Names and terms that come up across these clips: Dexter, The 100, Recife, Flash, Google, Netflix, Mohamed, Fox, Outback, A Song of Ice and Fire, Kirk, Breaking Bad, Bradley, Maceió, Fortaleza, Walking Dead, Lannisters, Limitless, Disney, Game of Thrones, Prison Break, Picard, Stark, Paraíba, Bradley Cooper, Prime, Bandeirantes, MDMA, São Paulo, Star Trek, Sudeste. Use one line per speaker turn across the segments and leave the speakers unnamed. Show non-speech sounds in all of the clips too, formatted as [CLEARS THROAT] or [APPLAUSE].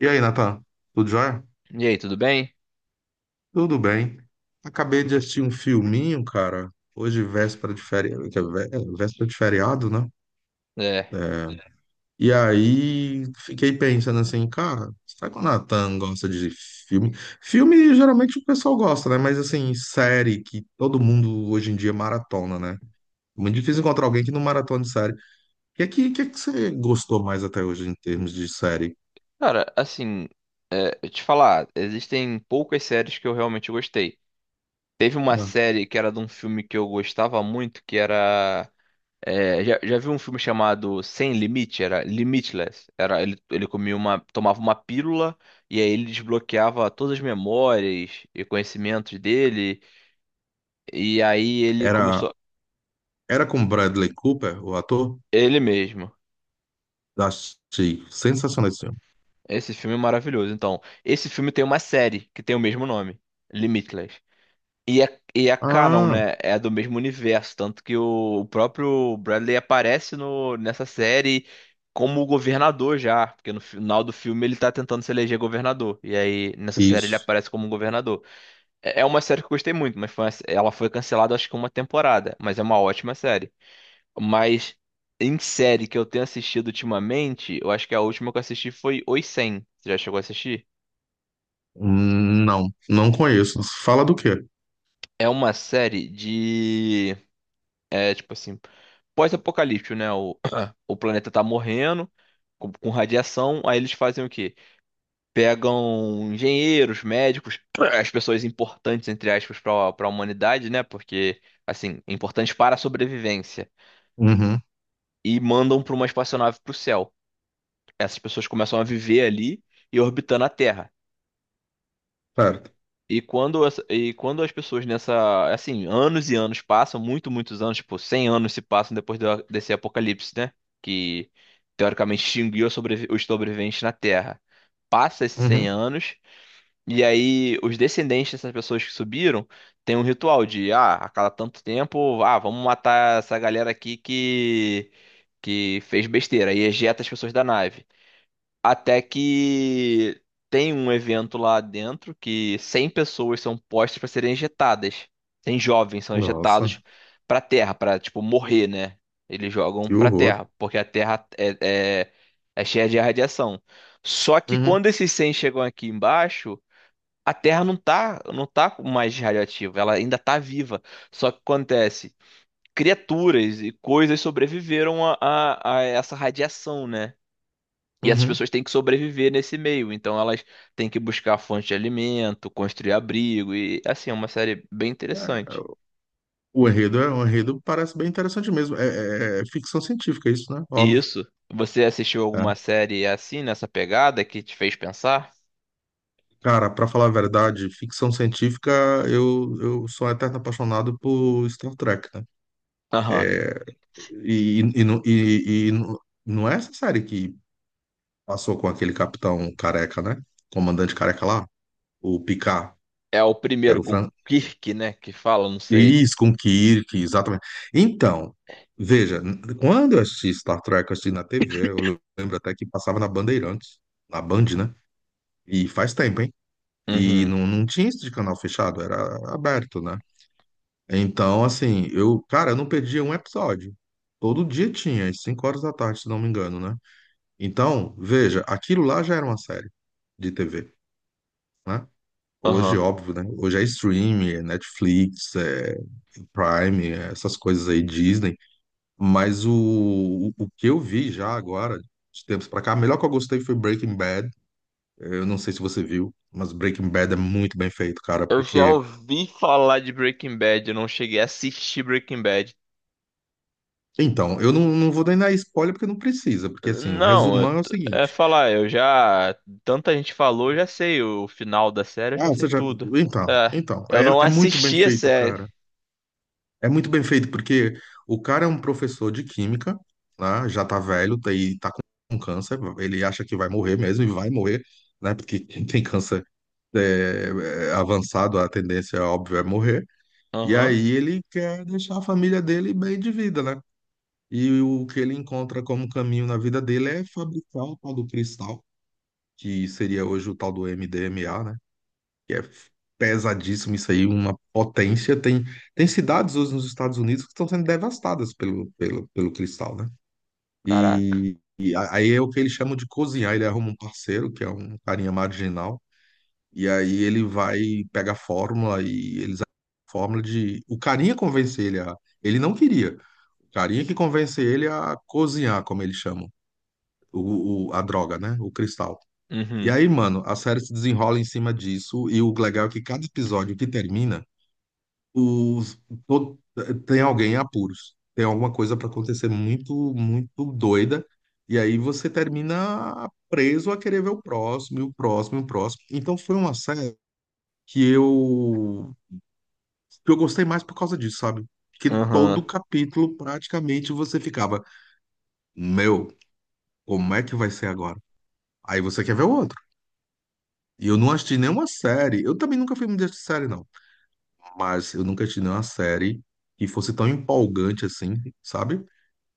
E aí, Natan? Tudo jóia?
E aí, tudo bem?
Tudo bem. Acabei de assistir um filminho, cara. Hoje, véspera de feriado, que é véspera de feriado, né?
É,
É. E aí, fiquei pensando assim, cara, será que o Natan gosta de filme? Filme, geralmente, o pessoal gosta, né? Mas, assim, série que todo mundo, hoje em dia, maratona, né? É muito difícil encontrar alguém que não maratona de série. E aqui, o que é que você gostou mais até hoje em termos de série?
cara, assim, eu te falar, existem poucas séries que eu realmente gostei. Teve uma
Ah.
série que era de um filme que eu gostava muito, que era. Já vi um filme chamado Sem Limite? Era Limitless. Ele tomava uma pílula e aí ele desbloqueava todas as memórias e conhecimentos dele. E aí ele
Era,
começou.
era com Bradley Cooper, o ator?
Ele mesmo.
Achei sensacional esse filme.
Esse filme é maravilhoso. Então, esse filme tem uma série que tem o mesmo nome, Limitless. E é canon,
Ah,
né? É do mesmo universo. Tanto que o próprio Bradley aparece no, nessa série como o governador já. Porque no final do filme ele tá tentando se eleger governador. E aí nessa série ele
isso.
aparece como um governador. É uma série que eu gostei muito, mas foi ela foi cancelada acho que uma temporada. Mas é uma ótima série. Mas em série que eu tenho assistido ultimamente, eu acho que a última que eu assisti foi Oi 100. Você já chegou a assistir?
Não, não conheço. Fala do quê?
É uma série de. É tipo assim. Pós-apocalíptico, né? O, [COUGHS] [CLEARS THROAT] o planeta tá morrendo com radiação, aí eles fazem o quê? Pegam engenheiros, médicos, [CLEARS THROAT] as pessoas importantes, entre aspas, para a humanidade, né? Porque, assim, importantes para a sobrevivência.
Uhum.
E mandam para uma espaçonave pro céu. Essas pessoas começam a viver ali e orbitando a Terra.
Certo.
E quando as pessoas nessa, assim, anos e anos passam, muitos anos, tipo, 100 anos se passam depois desse apocalipse, né? Que teoricamente extinguiu os sobreviventes na Terra. Passa esses 100
Uhum.
anos, e aí os descendentes dessas pessoas que subiram têm um ritual de, ah, a cada tanto tempo, ah, vamos matar essa galera aqui que fez besteira, e ejeta as pessoas da nave. Até que tem um evento lá dentro que 100 pessoas são postas para serem injetadas. 100 jovens são
Nossa,
injetados para a Terra, para tipo morrer, né? Eles jogam
que
para a
horror.
Terra, porque a Terra é cheia de radiação. Só que
Uhum.
quando esses 100 chegam aqui embaixo, a Terra não tá mais radioativa, ela ainda tá viva. Só que acontece, criaturas e coisas sobreviveram a essa radiação, né? E essas
Uhum.
pessoas têm que sobreviver nesse meio, então elas têm que buscar fonte de alimento, construir abrigo e assim, é uma série bem
É.
interessante.
O enredo, é, o enredo parece bem interessante mesmo. É ficção científica é isso, né?
E
Óbvio.
isso, você assistiu alguma
É.
série assim nessa pegada que te fez pensar?
Cara, pra falar a verdade, ficção científica, eu sou um eterno apaixonado por Star Trek, né?
Aham.
É. Não não é essa série que passou com aquele capitão careca, né? Comandante careca lá? O Picard,
É o
que era
primeiro
o
com
Fran...
Kirk, né, que fala, não sei.
Isso, com o Kirk, exatamente. Então, veja, quando eu assisti Star Trek, eu assisti na TV, eu lembro até que passava na Bandeirantes, na Band, né? E faz tempo, hein? E
Uhum.
não, não tinha isso de canal fechado, era aberto, né? Então, assim, eu, cara, eu não perdia um episódio. Todo dia tinha, às 5 horas da tarde, se não me engano, né? Então, veja, aquilo lá já era uma série de TV, né? Hoje,
Aham.
óbvio, né? Hoje é streaming, é Netflix, é Prime, é essas coisas aí, Disney. Mas o que eu vi já agora, de tempos pra cá, a melhor que eu gostei foi Breaking Bad. Eu não sei se você viu, mas Breaking Bad é muito bem feito, cara.
Eu já
Porque.
ouvi falar de Breaking Bad, eu não cheguei a assistir Breaking Bad.
Então, eu não, não vou nem dar spoiler porque não precisa. Porque, assim, o
Não,
resumão é o
é
seguinte.
falar, eu já. Tanta gente falou, eu já sei o final da série, eu
Ah,
já sei
você já.
tudo.
Então,
É,
então.
eu não
É, é muito bem
assisti a
feito,
série.
cara. É muito bem feito, porque o cara é um professor de química, né? Já tá velho, tá, e tá com câncer, ele acha que vai morrer mesmo, e vai morrer, né? Porque quem tem câncer é, é avançado, a tendência, óbvio, é morrer. E
Aham,
aí ele quer deixar a família dele bem de vida, né? E o que ele encontra como caminho na vida dele é fabricar o tal do cristal, que seria hoje o tal do MDMA, né? Que é pesadíssimo isso aí, uma potência. Tem, tem cidades hoje nos Estados Unidos que estão sendo devastadas pelo cristal, né?
caraca.
E, aí é o que eles chamam de cozinhar. Ele arruma um parceiro, que é um carinha marginal, e aí ele vai pega a fórmula e eles a fórmula de o carinha convence ele a ele não queria. O carinha que convence ele a cozinhar, como eles chamam, a droga, né? O cristal. E
Uhum,
aí, mano, a série se desenrola em cima disso, e o legal é que cada episódio que termina os, to- tem alguém em apuros, tem alguma coisa para acontecer muito, muito doida, e aí você termina preso a querer ver o próximo, e o próximo, e o próximo. Então foi uma série que eu, que eu gostei mais por causa disso, sabe? Que
aham,
todo capítulo praticamente você ficava, meu, como é que vai ser agora? Aí você quer ver o outro. E eu não assisti nenhuma série. Eu também nunca fui muito de série, não. Mas eu nunca assisti nenhuma série que fosse tão empolgante assim, sabe?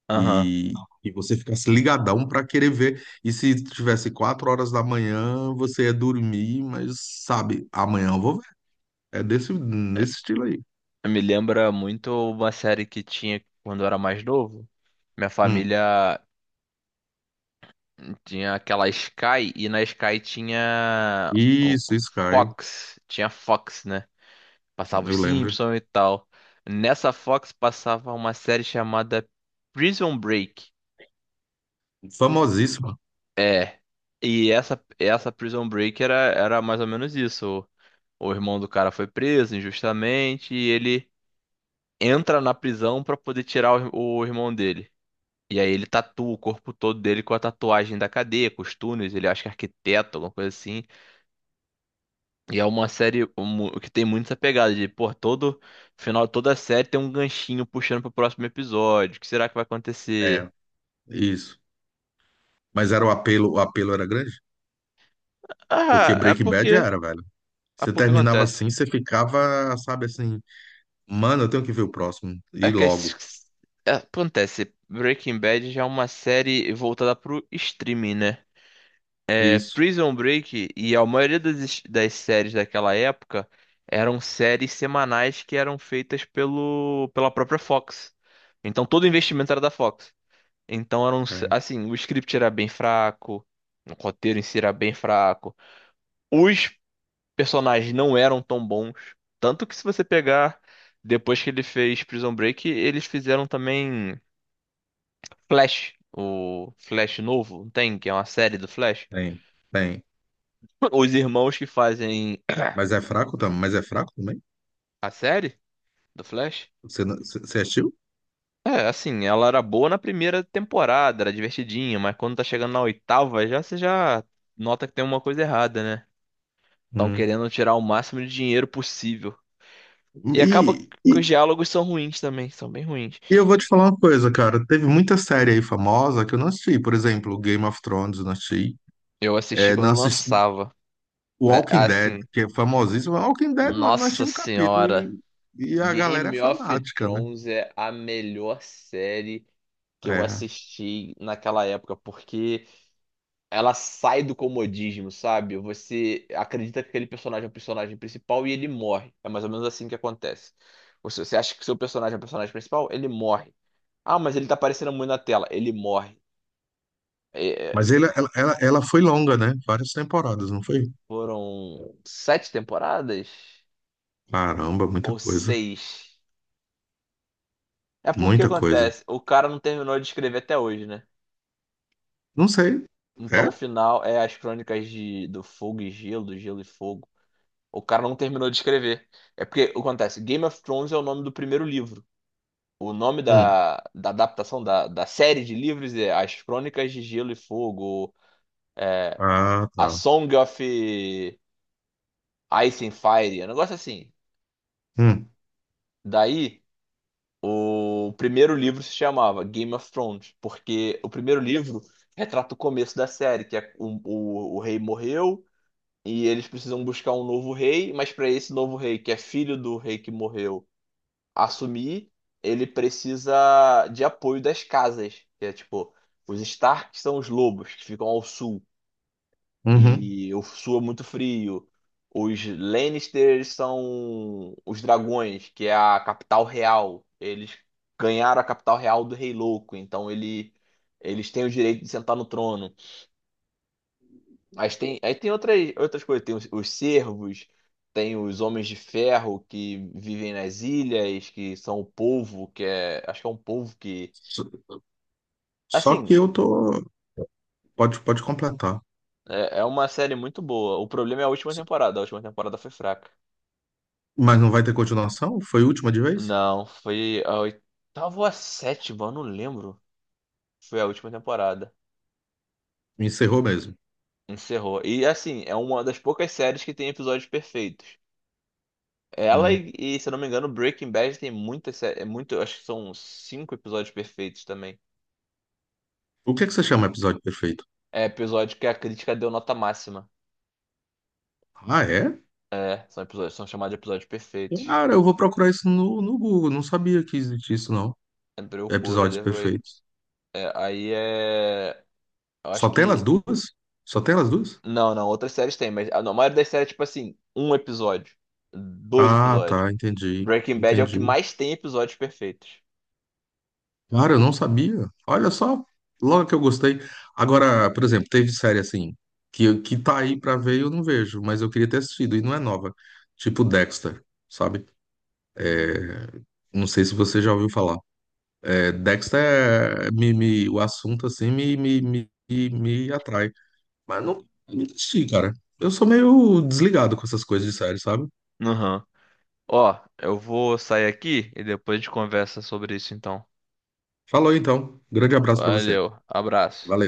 aham.
E, e você ficasse ligadão para querer ver. E se tivesse 4 horas da manhã, você ia dormir, mas sabe, amanhã eu vou ver. É desse, nesse estilo aí.
Me lembra muito uma série que tinha quando eu era mais novo. Minha
Hum.
família tinha aquela Sky, e na Sky tinha um-
Isso, Sky,
Fox, tinha Fox, né? Passava os
eu lembro.
Simpsons e tal. Nessa Fox passava uma série chamada Prison Break.
Famosíssima.
É. E essa Prison Break era mais ou menos isso. O irmão do cara foi preso injustamente e ele entra na prisão pra poder tirar o irmão dele. E aí ele tatua o corpo todo dele com a tatuagem da cadeia, com os túneis, ele acha que é arquiteto, alguma coisa assim. E é uma série que tem muito essa pegada de, pô, todo final, toda série tem um ganchinho puxando pro próximo episódio. O que será que vai
É,
acontecer?
isso. Mas era o apelo era grande? Porque
Ah, é
Breaking Bad
porque.
era, velho.
É
Você
porque
terminava
acontece.
assim, você ficava, sabe assim, mano, eu tenho que ver o próximo.
É
E
que
logo.
acontece. Breaking Bad já é uma série voltada pro streaming, né? É,
Isso.
Prison Break e a maioria das séries daquela época eram séries semanais que eram feitas pela própria Fox. Então todo o investimento era da Fox. Então eram,
É.
assim, o script era bem fraco, o roteiro em si era bem fraco. Os personagens não eram tão bons, tanto que se você pegar depois que ele fez Prison Break, eles fizeram também Flash, o Flash novo, não tem, que é uma série do Flash.
Tem, tem.
Os irmãos que fazem
Mas é fraco também. Mas é fraco também?
a série do Flash.
Você, não- você você assistiu?
É, assim, ela era boa na primeira temporada, era divertidinha, mas quando tá chegando na oitava, já você já nota que tem uma coisa errada, né? Estão
Hum.
querendo tirar o máximo de dinheiro possível. E acaba
E, e
que os diálogos são ruins também, são bem ruins.
eu vou te falar uma coisa, cara. Teve muita série aí famosa que eu não assisti. Por exemplo, Game of Thrones, eu não assisti.
Eu assisti
É, não
quando
assisti
lançava. É,
Walking Dead,
assim,
que é famosíssimo. Walking Dead, mano, não assisti
nossa
um capítulo.
senhora,
E a galera é
Game of
fanática, né?
Thrones é a melhor série que eu
É.
assisti naquela época, porque ela sai do comodismo, sabe? Você acredita que aquele personagem é o personagem principal e ele morre. É mais ou menos assim que acontece. Você acha que seu personagem é o personagem principal, ele morre. Ah, mas ele tá aparecendo muito na tela. Ele morre. É, é,
Mas ela foi longa, né? Várias temporadas, não foi?
Foram sete temporadas?
Caramba, muita
Ou
coisa.
seis? É porque
Muita coisa.
acontece, o cara não terminou de escrever até hoje, né?
Não sei.
Então
É?
o final é as crônicas do fogo e gelo, do gelo e fogo. O cara não terminou de escrever. É porque acontece, Game of Thrones é o nome do primeiro livro. O nome
Hum.
da adaptação da série de livros é As Crônicas de Gelo e Fogo,
Ah,
A
tá.
Song of Ice and Fire, é um negócio assim.
Hum.
Daí. O primeiro livro se chamava Game of Thrones, porque o primeiro livro retrata o começo da série, que é o rei morreu e eles precisam buscar um novo rei, mas para esse novo rei, que é filho do rei que morreu, assumir, ele precisa de apoio das casas, que é tipo, os Stark são os lobos que ficam ao sul
Uhum.
e eu suo muito frio. Os Lannisters são os dragões, que é a capital real. Eles ganharam a capital real do Rei Louco, então eles têm o direito de sentar no trono. Mas tem, aí tem outras coisas, tem os servos, tem os homens de ferro que vivem nas ilhas, que são o povo, que é, acho que é um povo que,
Só só
assim,
que eu tô. Pode completar.
é uma série muito boa. O problema é a última temporada foi fraca.
Mas não vai ter continuação? Foi a última de vez?
Não, foi a oitava ou a sétima, eu não lembro. Foi a última temporada.
Encerrou mesmo.
Encerrou. E assim, é uma das poucas séries que tem episódios perfeitos. Ela
Hum.
e, se eu não me engano, Breaking Bad tem muitas acho que são 5 episódios perfeitos também.
O que é que você chama episódio perfeito?
É episódio que a crítica deu nota máxima.
Ah, é?
É, são episódios, são chamados de episódios perfeitos.
Cara, eu vou procurar isso no Google. Não sabia que existia isso, não.
É loucura
Episódios
depois.
perfeitos.
Aí eu acho
Só tem elas
que
duas? Só tem elas duas?
não, não, outras séries tem, mas a maioria das séries é tipo assim, um episódio, dois
Ah,
episódios.
tá. Entendi.
Breaking Bad é o que
Entendi.
mais tem episódios perfeitos.
Cara, eu não sabia. Olha só. Logo que eu gostei. Agora, por exemplo, teve série assim, que tá aí pra ver e eu não vejo, mas eu queria ter assistido e não é nova. Tipo Dexter, sabe?
Uhum.
Não sei se você já ouviu falar. É, Dexter o assunto assim me atrai. Mas não não assisti, cara. Eu sou meio desligado com essas coisas de série, sabe?
Uhum. Ó, eu vou sair aqui e depois a gente conversa sobre isso então.
Falou então. Grande abraço pra você.
Valeu,
Valeu.
abraço.